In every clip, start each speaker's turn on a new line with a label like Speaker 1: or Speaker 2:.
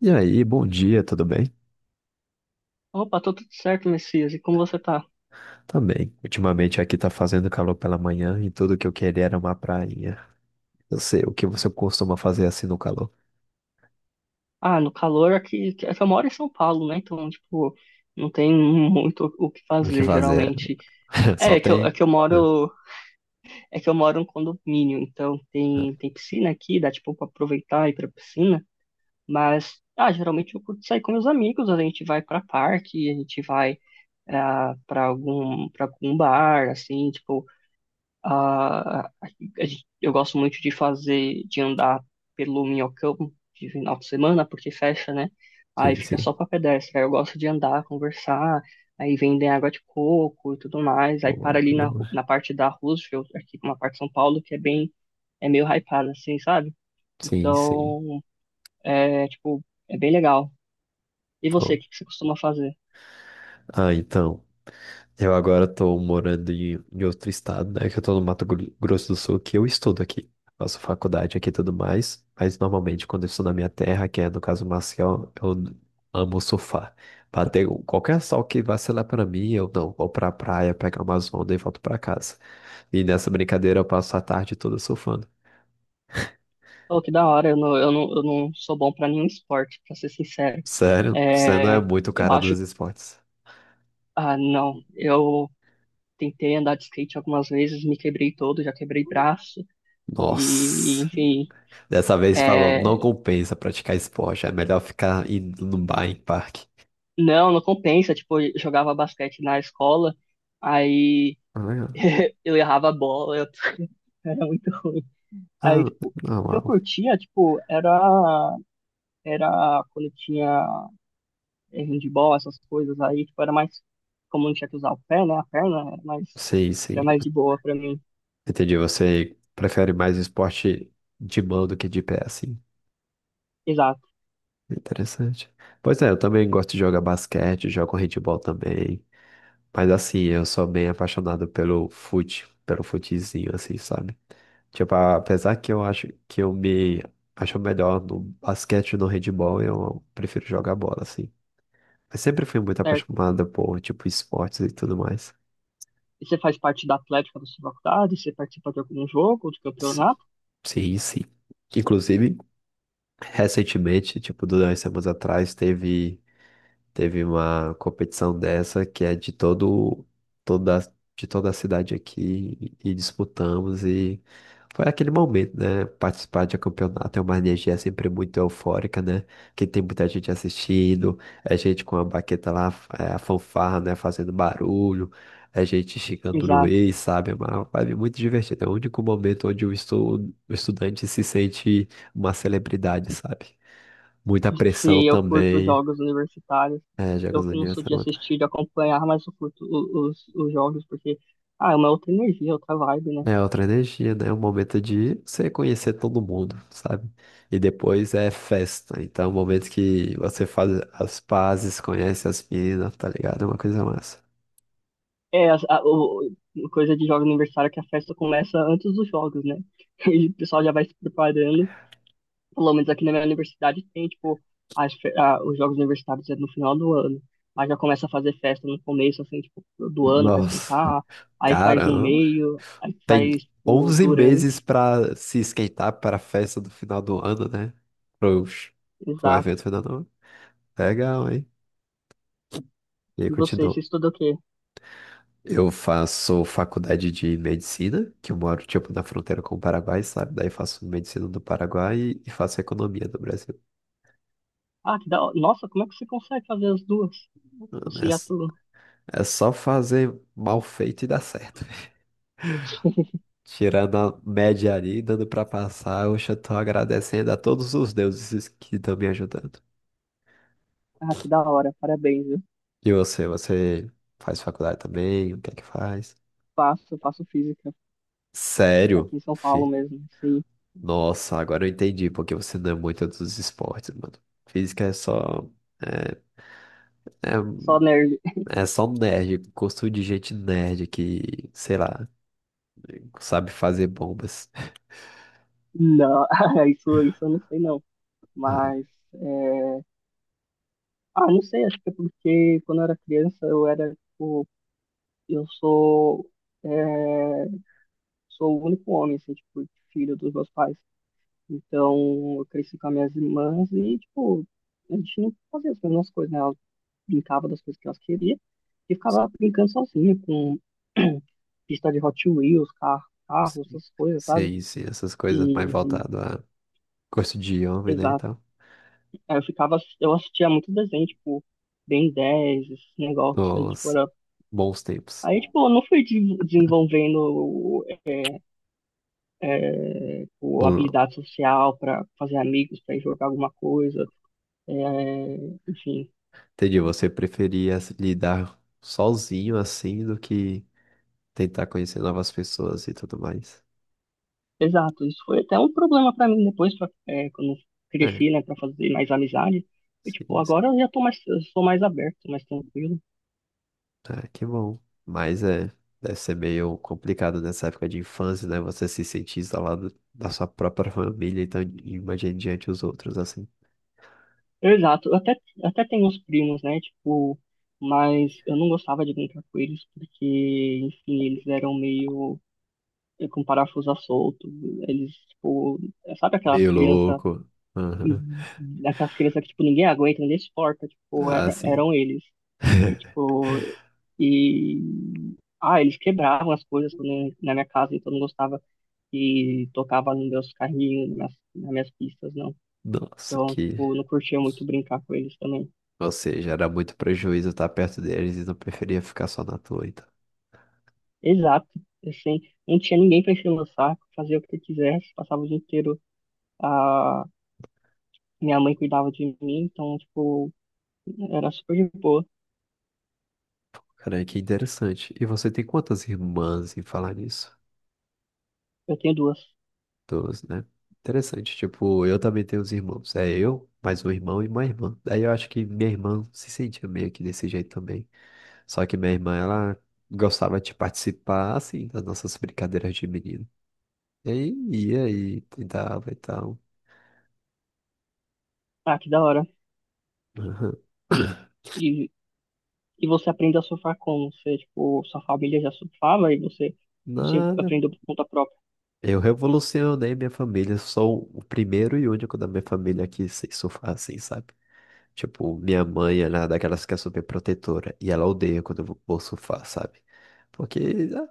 Speaker 1: E aí, bom dia, tudo bem?
Speaker 2: Opa, tô tudo certo, Messias. E como você tá?
Speaker 1: Também. Ultimamente aqui tá fazendo calor pela manhã e tudo que eu queria era uma prainha. Eu sei, o que você costuma fazer assim no calor?
Speaker 2: Ah, no calor aqui, eu moro em São Paulo, né? Então, tipo, não tem muito o que
Speaker 1: O que
Speaker 2: fazer,
Speaker 1: fazer?
Speaker 2: geralmente. É,
Speaker 1: Só
Speaker 2: é
Speaker 1: tem.
Speaker 2: que eu
Speaker 1: Né?
Speaker 2: moro, é que eu moro em condomínio, então tem piscina aqui, dá tipo pra aproveitar e ir pra piscina, mas geralmente eu curto sair com meus amigos, a gente vai pra parque, a gente vai ah, pra algum para algum bar, assim, tipo, eu gosto muito de fazer, de andar pelo Minhocão de final de semana, porque fecha, né? Aí
Speaker 1: Sim,
Speaker 2: fica só
Speaker 1: sim.
Speaker 2: para pedestre. Aí eu gosto de andar, conversar, aí vendem água de coco e tudo mais. Aí para
Speaker 1: O-
Speaker 2: ali na parte da Roosevelt, aqui uma parte de São Paulo, que é é meio hypada, assim, sabe?
Speaker 1: Sim, sim.
Speaker 2: Então, é, tipo, é bem legal. E você,
Speaker 1: Pô.
Speaker 2: o que que você costuma fazer?
Speaker 1: Então. Eu agora tô morando em, em outro estado, né? Que eu tô no Mato Grosso do Sul, que eu estudo aqui. Faço faculdade aqui e tudo mais. Mas normalmente quando eu estou na minha terra, que é no caso Maceió, eu amo surfar. Bater um, qualquer sol que vacilar pra mim, eu não. Vou pra praia, pego umas ondas e volto pra casa. E nessa brincadeira eu passo a tarde toda surfando.
Speaker 2: Oh, que da hora, eu não sou bom para nenhum esporte, para ser sincero.
Speaker 1: Sério, você não é
Speaker 2: É,
Speaker 1: muito o
Speaker 2: eu
Speaker 1: cara
Speaker 2: acho
Speaker 1: dos esportes.
Speaker 2: Ah, não. Eu tentei andar de skate algumas vezes, me quebrei todo, já quebrei braço.
Speaker 1: Nossa.
Speaker 2: Enfim,
Speaker 1: Dessa vez falou, não
Speaker 2: é,
Speaker 1: compensa praticar esporte, é melhor ficar indo no bar, em parque.
Speaker 2: não, não compensa. Tipo, eu jogava basquete na escola, aí
Speaker 1: Ah,
Speaker 2: eu errava a bola, eu era muito ruim. Aí,
Speaker 1: ah,
Speaker 2: tipo,
Speaker 1: não,
Speaker 2: o que eu
Speaker 1: não.
Speaker 2: curtia, era quando eu tinha handball, essas coisas aí, tipo, era mais como não tinha que usar o pé, né? A perna
Speaker 1: Sim, sim.
Speaker 2: era mais de boa pra mim.
Speaker 1: Entendi, você prefere mais esporte de mão do que de pé, assim.
Speaker 2: Exato,
Speaker 1: Interessante. Pois é, eu também gosto de jogar basquete, jogo handebol também. Mas assim, eu sou bem apaixonado pelo fute, pelo futezinho, assim, sabe? Tipo, apesar que eu acho que eu me acho melhor no basquete e no handebol, eu prefiro jogar bola, assim. Eu sempre fui muito
Speaker 2: certo.
Speaker 1: apaixonada por, tipo, esportes e tudo mais.
Speaker 2: E você faz parte da atlética da sua faculdade? Você participa de algum jogo, de
Speaker 1: S-
Speaker 2: campeonato?
Speaker 1: Sim, sim. Inclusive, recentemente, tipo, 2 semanas atrás, teve. Teve uma competição dessa que é de toda, de toda a cidade aqui e disputamos e foi aquele momento, né? Participar de um campeonato é uma energia sempre muito eufórica, né? Que tem muita gente assistindo, é gente com a baqueta lá, é, a fanfarra, né? Fazendo barulho, é gente xingando o
Speaker 2: Exato.
Speaker 1: Luiz, sabe? É uma vibe muito divertida. É o único momento onde o estudante se sente uma celebridade, sabe? Muita
Speaker 2: Se
Speaker 1: pressão
Speaker 2: eu curto
Speaker 1: também.
Speaker 2: jogos universitários,
Speaker 1: É, jogos
Speaker 2: eu
Speaker 1: do
Speaker 2: que não sou de
Speaker 1: aniversário.
Speaker 2: assistir, de acompanhar, mas eu curto os jogos porque, ah, é uma outra energia, outra vibe, né?
Speaker 1: É outra energia, né? É um momento de você conhecer todo mundo, sabe? E depois é festa. Então, é um momento que você faz as pazes, conhece as meninas, tá ligado? É uma coisa massa.
Speaker 2: É, coisa de jogos universitário é que a festa começa antes dos jogos, né? E o pessoal já vai se preparando. Pelo menos aqui na minha universidade tem, tipo, os jogos universitários é no final do ano. Mas já começa a fazer festa no começo, assim, tipo, do ano pra
Speaker 1: Nossa,
Speaker 2: esquentar. Aí faz no
Speaker 1: caramba.
Speaker 2: meio, aí
Speaker 1: Tem
Speaker 2: faz, tipo,
Speaker 1: 11 meses
Speaker 2: durante.
Speaker 1: pra se esquentar para a festa do final do ano, né? Pro, pro
Speaker 2: Exato.
Speaker 1: evento final do ano. Legal, hein? E aí
Speaker 2: E você,
Speaker 1: continua.
Speaker 2: você estuda o quê?
Speaker 1: Eu faço faculdade de medicina, que eu moro, tipo, na fronteira com o Paraguai, sabe? Daí faço medicina do Paraguai e faço economia do Brasil.
Speaker 2: Ah, que da hora. Nossa, como é que você consegue fazer as duas?
Speaker 1: Mano, é,
Speaker 2: Você e a tua.
Speaker 1: é só fazer mal feito e dar certo. Tirando a média ali, dando pra passar, hoje eu já tô agradecendo a todos os deuses que estão me ajudando.
Speaker 2: Ah, que da hora. Parabéns, viu?
Speaker 1: E você, você faz faculdade também? O que é que faz?
Speaker 2: Faço, faço física.
Speaker 1: Sério?
Speaker 2: Aqui em São Paulo mesmo, sim.
Speaker 1: Nossa, agora eu entendi porque você não é muito dos esportes, mano. Física é só... é, é
Speaker 2: Só nerd.
Speaker 1: é só um nerd, gosto de gente nerd que, sei lá, sabe fazer bombas.
Speaker 2: Não, isso eu não sei não.
Speaker 1: Ah, é.
Speaker 2: Mas é, não sei, acho que é porque quando eu era criança eu era, tipo, eu sou, é, sou o único homem, assim, tipo, filho dos meus pais. Então eu cresci com as minhas irmãs e, tipo, a gente não fazia as mesmas coisas, né? Elas brincavam das coisas que elas queriam e ficava brincando sozinha com pista de Hot Wheels, carro, essas coisas, sabe?
Speaker 1: Sim, sim, essas coisas mais
Speaker 2: E,
Speaker 1: voltado a gosto de homem, né, e
Speaker 2: exato.
Speaker 1: tal.
Speaker 2: Aí eu ficava, eu assistia muito desenho, tipo, Ben dez, esse negócio aí, tipo,
Speaker 1: Os
Speaker 2: era.
Speaker 1: bons tempos.
Speaker 2: Aí, tipo, eu não desenvolvendo
Speaker 1: Bom,
Speaker 2: habilidade social para fazer amigos, para jogar alguma coisa, é, enfim.
Speaker 1: entendi, você preferia se lidar sozinho assim do que tentar conhecer novas pessoas e tudo mais.
Speaker 2: Exato, isso foi até um problema para mim depois, pra, é, quando eu
Speaker 1: É,
Speaker 2: cresci, né, para fazer mais amizade. E, tipo,
Speaker 1: sim,
Speaker 2: agora eu já tô mais, eu sou mais aberto, mais tranquilo.
Speaker 1: é, que bom. Mas é, deve ser meio complicado nessa época de infância, né? Você se sentir isolado da sua própria família, então imagine diante os outros, assim.
Speaker 2: Exato, até tenho uns primos, né, tipo, mas eu não gostava de brincar com eles porque, enfim, eles eram meio com parafuso a solto, eles, tipo, sabe aquelas
Speaker 1: Meio
Speaker 2: crianças
Speaker 1: louco.
Speaker 2: e
Speaker 1: Aham.
Speaker 2: aquelas crianças que, tipo, ninguém aguenta, ninguém suporta, tipo,
Speaker 1: Ah, sim.
Speaker 2: eram eles. E, tipo, e... Ah, eles quebravam as coisas quando, na minha casa, então eu não gostava que tocava nos meus carrinhos, nas minas pistas, não.
Speaker 1: Nossa,
Speaker 2: Então,
Speaker 1: que.
Speaker 2: tipo, eu não curtia muito brincar com eles também.
Speaker 1: Ou seja, era muito prejuízo estar perto deles e não preferia ficar só na tua, então.
Speaker 2: Exato, assim, não tinha ninguém pra encher o meu saco, fazia o que eu quisesse, passava o dia inteiro, a minha mãe cuidava de mim, então, tipo, era super de boa.
Speaker 1: Cara, que interessante. E você tem quantas irmãs em falar nisso?
Speaker 2: Eu tenho duas.
Speaker 1: Doze, né? Interessante. Tipo, eu também tenho os irmãos. É eu, mais um irmão e uma irmã. Daí eu acho que minha irmã se sentia meio que desse jeito também. Só que minha irmã, ela gostava de participar, assim, das nossas brincadeiras de menino. E aí ia e tentava e tal.
Speaker 2: Ah, que da hora.
Speaker 1: Aham.
Speaker 2: E E você aprende a surfar como? Você, tipo, sua família já surfava e você, você
Speaker 1: Nada.
Speaker 2: aprendeu por conta própria.
Speaker 1: Eu revolucionei minha família. Sou o primeiro e único da minha família que sei surfar assim, sabe? Tipo, minha mãe, ela é daquelas que é super protetora. E ela odeia quando eu vou surfar, sabe? Porque,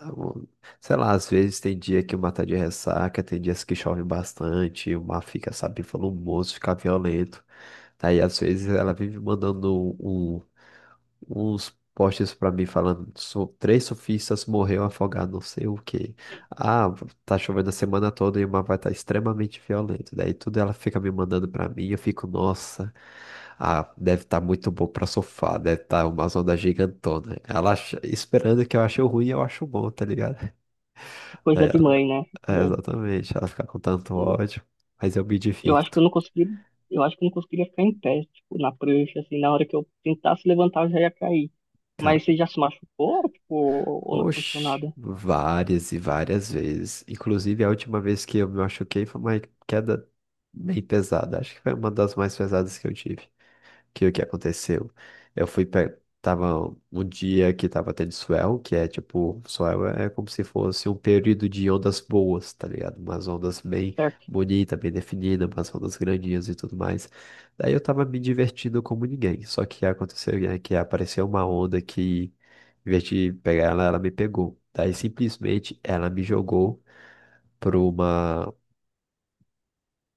Speaker 1: ah, sei lá, às vezes tem dia que o mar tá de ressaca, tem dias que chove bastante, o mar fica, sabe, volumoso, fica violento. Daí, às vezes, ela vive mandando um um uns posts pra mim falando: 3 surfistas morreram afogados, não sei o quê. Ah, tá chovendo a semana toda e o mar vai estar extremamente violento." Daí tudo ela fica me mandando pra mim, eu fico, nossa, ah, deve estar muito bom pra surfar, deve estar uma onda gigantona. Esperando que eu ache o ruim, eu acho bom, tá ligado?
Speaker 2: É
Speaker 1: Daí
Speaker 2: coisa de
Speaker 1: ela,
Speaker 2: mãe, né?
Speaker 1: é,
Speaker 2: É,
Speaker 1: exatamente, ela fica com tanto ódio, mas eu me
Speaker 2: eu acho que eu
Speaker 1: divirto.
Speaker 2: não consegui, eu acho que eu não conseguiria ficar em pé, tipo, na prancha, assim, na hora que eu tentasse levantar, eu já ia cair.
Speaker 1: Cara,
Speaker 2: Mas você já se machucou, tipo, ou não aconteceu
Speaker 1: oxe,
Speaker 2: nada?
Speaker 1: várias e várias vezes. Inclusive, a última vez que eu me machuquei foi uma queda bem pesada. Acho que foi uma das mais pesadas que eu tive que o que aconteceu? Tava um dia que tava tendo swell, que é tipo, swell é como se fosse um período de ondas boas, tá ligado? Umas ondas bem
Speaker 2: Certo?
Speaker 1: bonitas, bem definidas, umas ondas grandinhas e tudo mais. Daí eu tava me divertindo como ninguém. Só que aconteceu, né, que apareceu uma onda que, em vez de pegar ela, ela me pegou. Daí simplesmente ela me jogou pra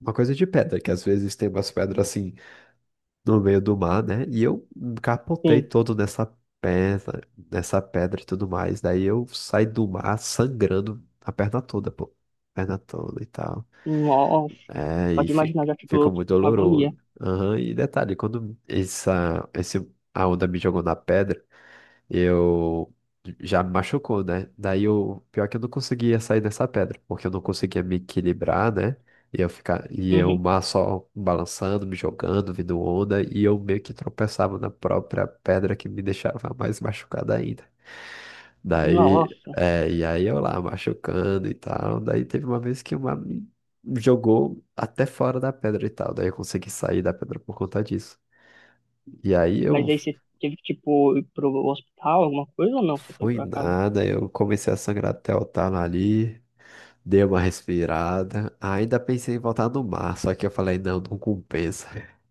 Speaker 1: uma coisa de pedra, que às vezes tem umas pedras assim no meio do mar, né? E eu capotei
Speaker 2: Sim.
Speaker 1: todo pedra, nessa pedra e tudo mais. Daí eu saí do mar sangrando a perna toda, pô. Perna toda e tal.
Speaker 2: Nossa.
Speaker 1: É,
Speaker 2: Só
Speaker 1: e
Speaker 2: de imaginar já
Speaker 1: ficou
Speaker 2: ficou,
Speaker 1: muito
Speaker 2: tipo, com agonia.
Speaker 1: doloroso. Aham. E detalhe, quando a onda me jogou na pedra, eu já me machucou, né? Daí o pior é que eu não conseguia sair dessa pedra, porque eu não conseguia me equilibrar, né? E eu ficar e eu
Speaker 2: Uhum.
Speaker 1: mar só balançando, me jogando, vindo onda, e eu meio que tropeçava na própria pedra que me deixava mais machucado ainda. Daí,
Speaker 2: Nossa.
Speaker 1: é, e aí eu lá machucando e tal. Daí teve uma vez que uma me jogou até fora da pedra e tal. Daí eu consegui sair da pedra por conta disso. E aí
Speaker 2: Mas
Speaker 1: eu
Speaker 2: aí você teve que, tipo, ir pro hospital, alguma coisa ou não? Você foi
Speaker 1: foi
Speaker 2: por acaso?
Speaker 1: nada, eu comecei a sangrar até o talo ali, dei uma respirada, ainda pensei em voltar no mar, só que eu falei, não, não compensa.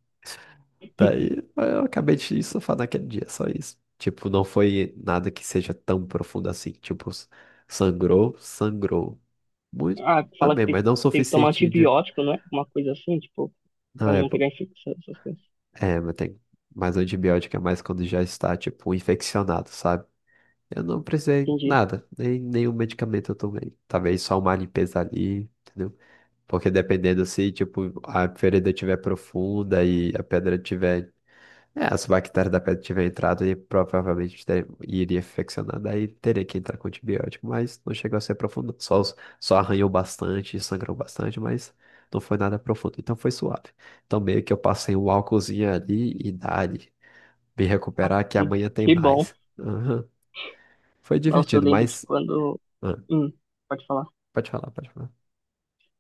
Speaker 1: Daí eu acabei de surfar naquele dia, só isso. Tipo, não foi nada que seja tão profundo assim, tipo, sangrou, sangrou. Muito
Speaker 2: Ah, fala que
Speaker 1: também, mas não o
Speaker 2: tem que tomar
Speaker 1: suficiente de...
Speaker 2: antibiótico, não é? Uma coisa assim, tipo, pra
Speaker 1: Na
Speaker 2: não
Speaker 1: época,
Speaker 2: pegar infecção, essas coisas.
Speaker 1: é, mas tem mais antibiótico, é mais quando já está, tipo, infeccionado, sabe? Eu não precisei
Speaker 2: Entendi.
Speaker 1: nada, nem nenhum medicamento eu tomei. Talvez só uma limpeza ali, entendeu? Porque dependendo se, tipo, a ferida estiver profunda e a pedra tiver. É, as bactérias da pedra tiver entrado e provavelmente iria infeccionar, daí teria que entrar com antibiótico, mas não chegou a ser profundo. Só arranhou bastante, sangrou bastante, mas não foi nada profundo, então foi suave. Então meio que eu passei um álcoolzinho ali e dali, me
Speaker 2: Ah,
Speaker 1: recuperar que amanhã tem
Speaker 2: que bom.
Speaker 1: mais. Aham. Foi
Speaker 2: Nossa, eu
Speaker 1: divertido,
Speaker 2: lembro de
Speaker 1: mas
Speaker 2: quando.
Speaker 1: ah,
Speaker 2: Hum, pode falar.
Speaker 1: pode falar, pode falar.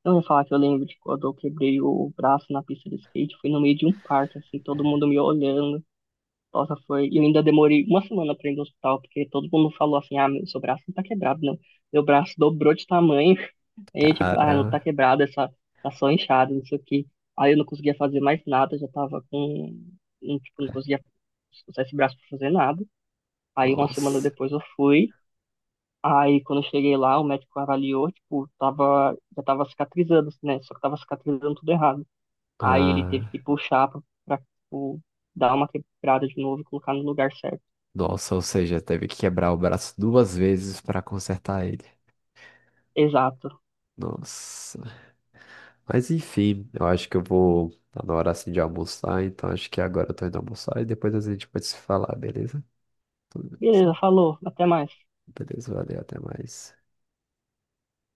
Speaker 2: Eu ia falar que eu lembro de quando eu quebrei o braço na pista de skate. Foi no meio de um parque, assim, todo mundo me olhando. Nossa, foi. E eu ainda demorei uma semana pra ir no hospital, porque todo mundo falou assim: ah, meu, seu braço não tá quebrado, não. Meu braço dobrou de tamanho. Não
Speaker 1: Cara,
Speaker 2: tá quebrado, tá só inchado, isso aqui. Aí eu não conseguia fazer mais nada, já tava com. Não, tipo, não conseguia usar esse braço pra fazer nada. Aí uma semana
Speaker 1: nossa.
Speaker 2: depois eu fui. Aí quando eu cheguei lá, o médico avaliou, tipo, já tava cicatrizando, né? Só que tava cicatrizando tudo errado. Aí ele teve
Speaker 1: Ah,
Speaker 2: que puxar tipo, dar uma quebrada de novo e colocar no lugar certo.
Speaker 1: nossa, ou seja, teve que quebrar o braço 2 vezes para consertar ele.
Speaker 2: Exato.
Speaker 1: Nossa. Mas enfim, eu acho que eu vou. Tá na hora assim de almoçar, então acho que agora eu tô indo almoçar e depois a gente pode se falar, beleza? Tudo bem,
Speaker 2: Beleza,
Speaker 1: sim.
Speaker 2: falou. Até mais.
Speaker 1: Beleza, valeu, até mais.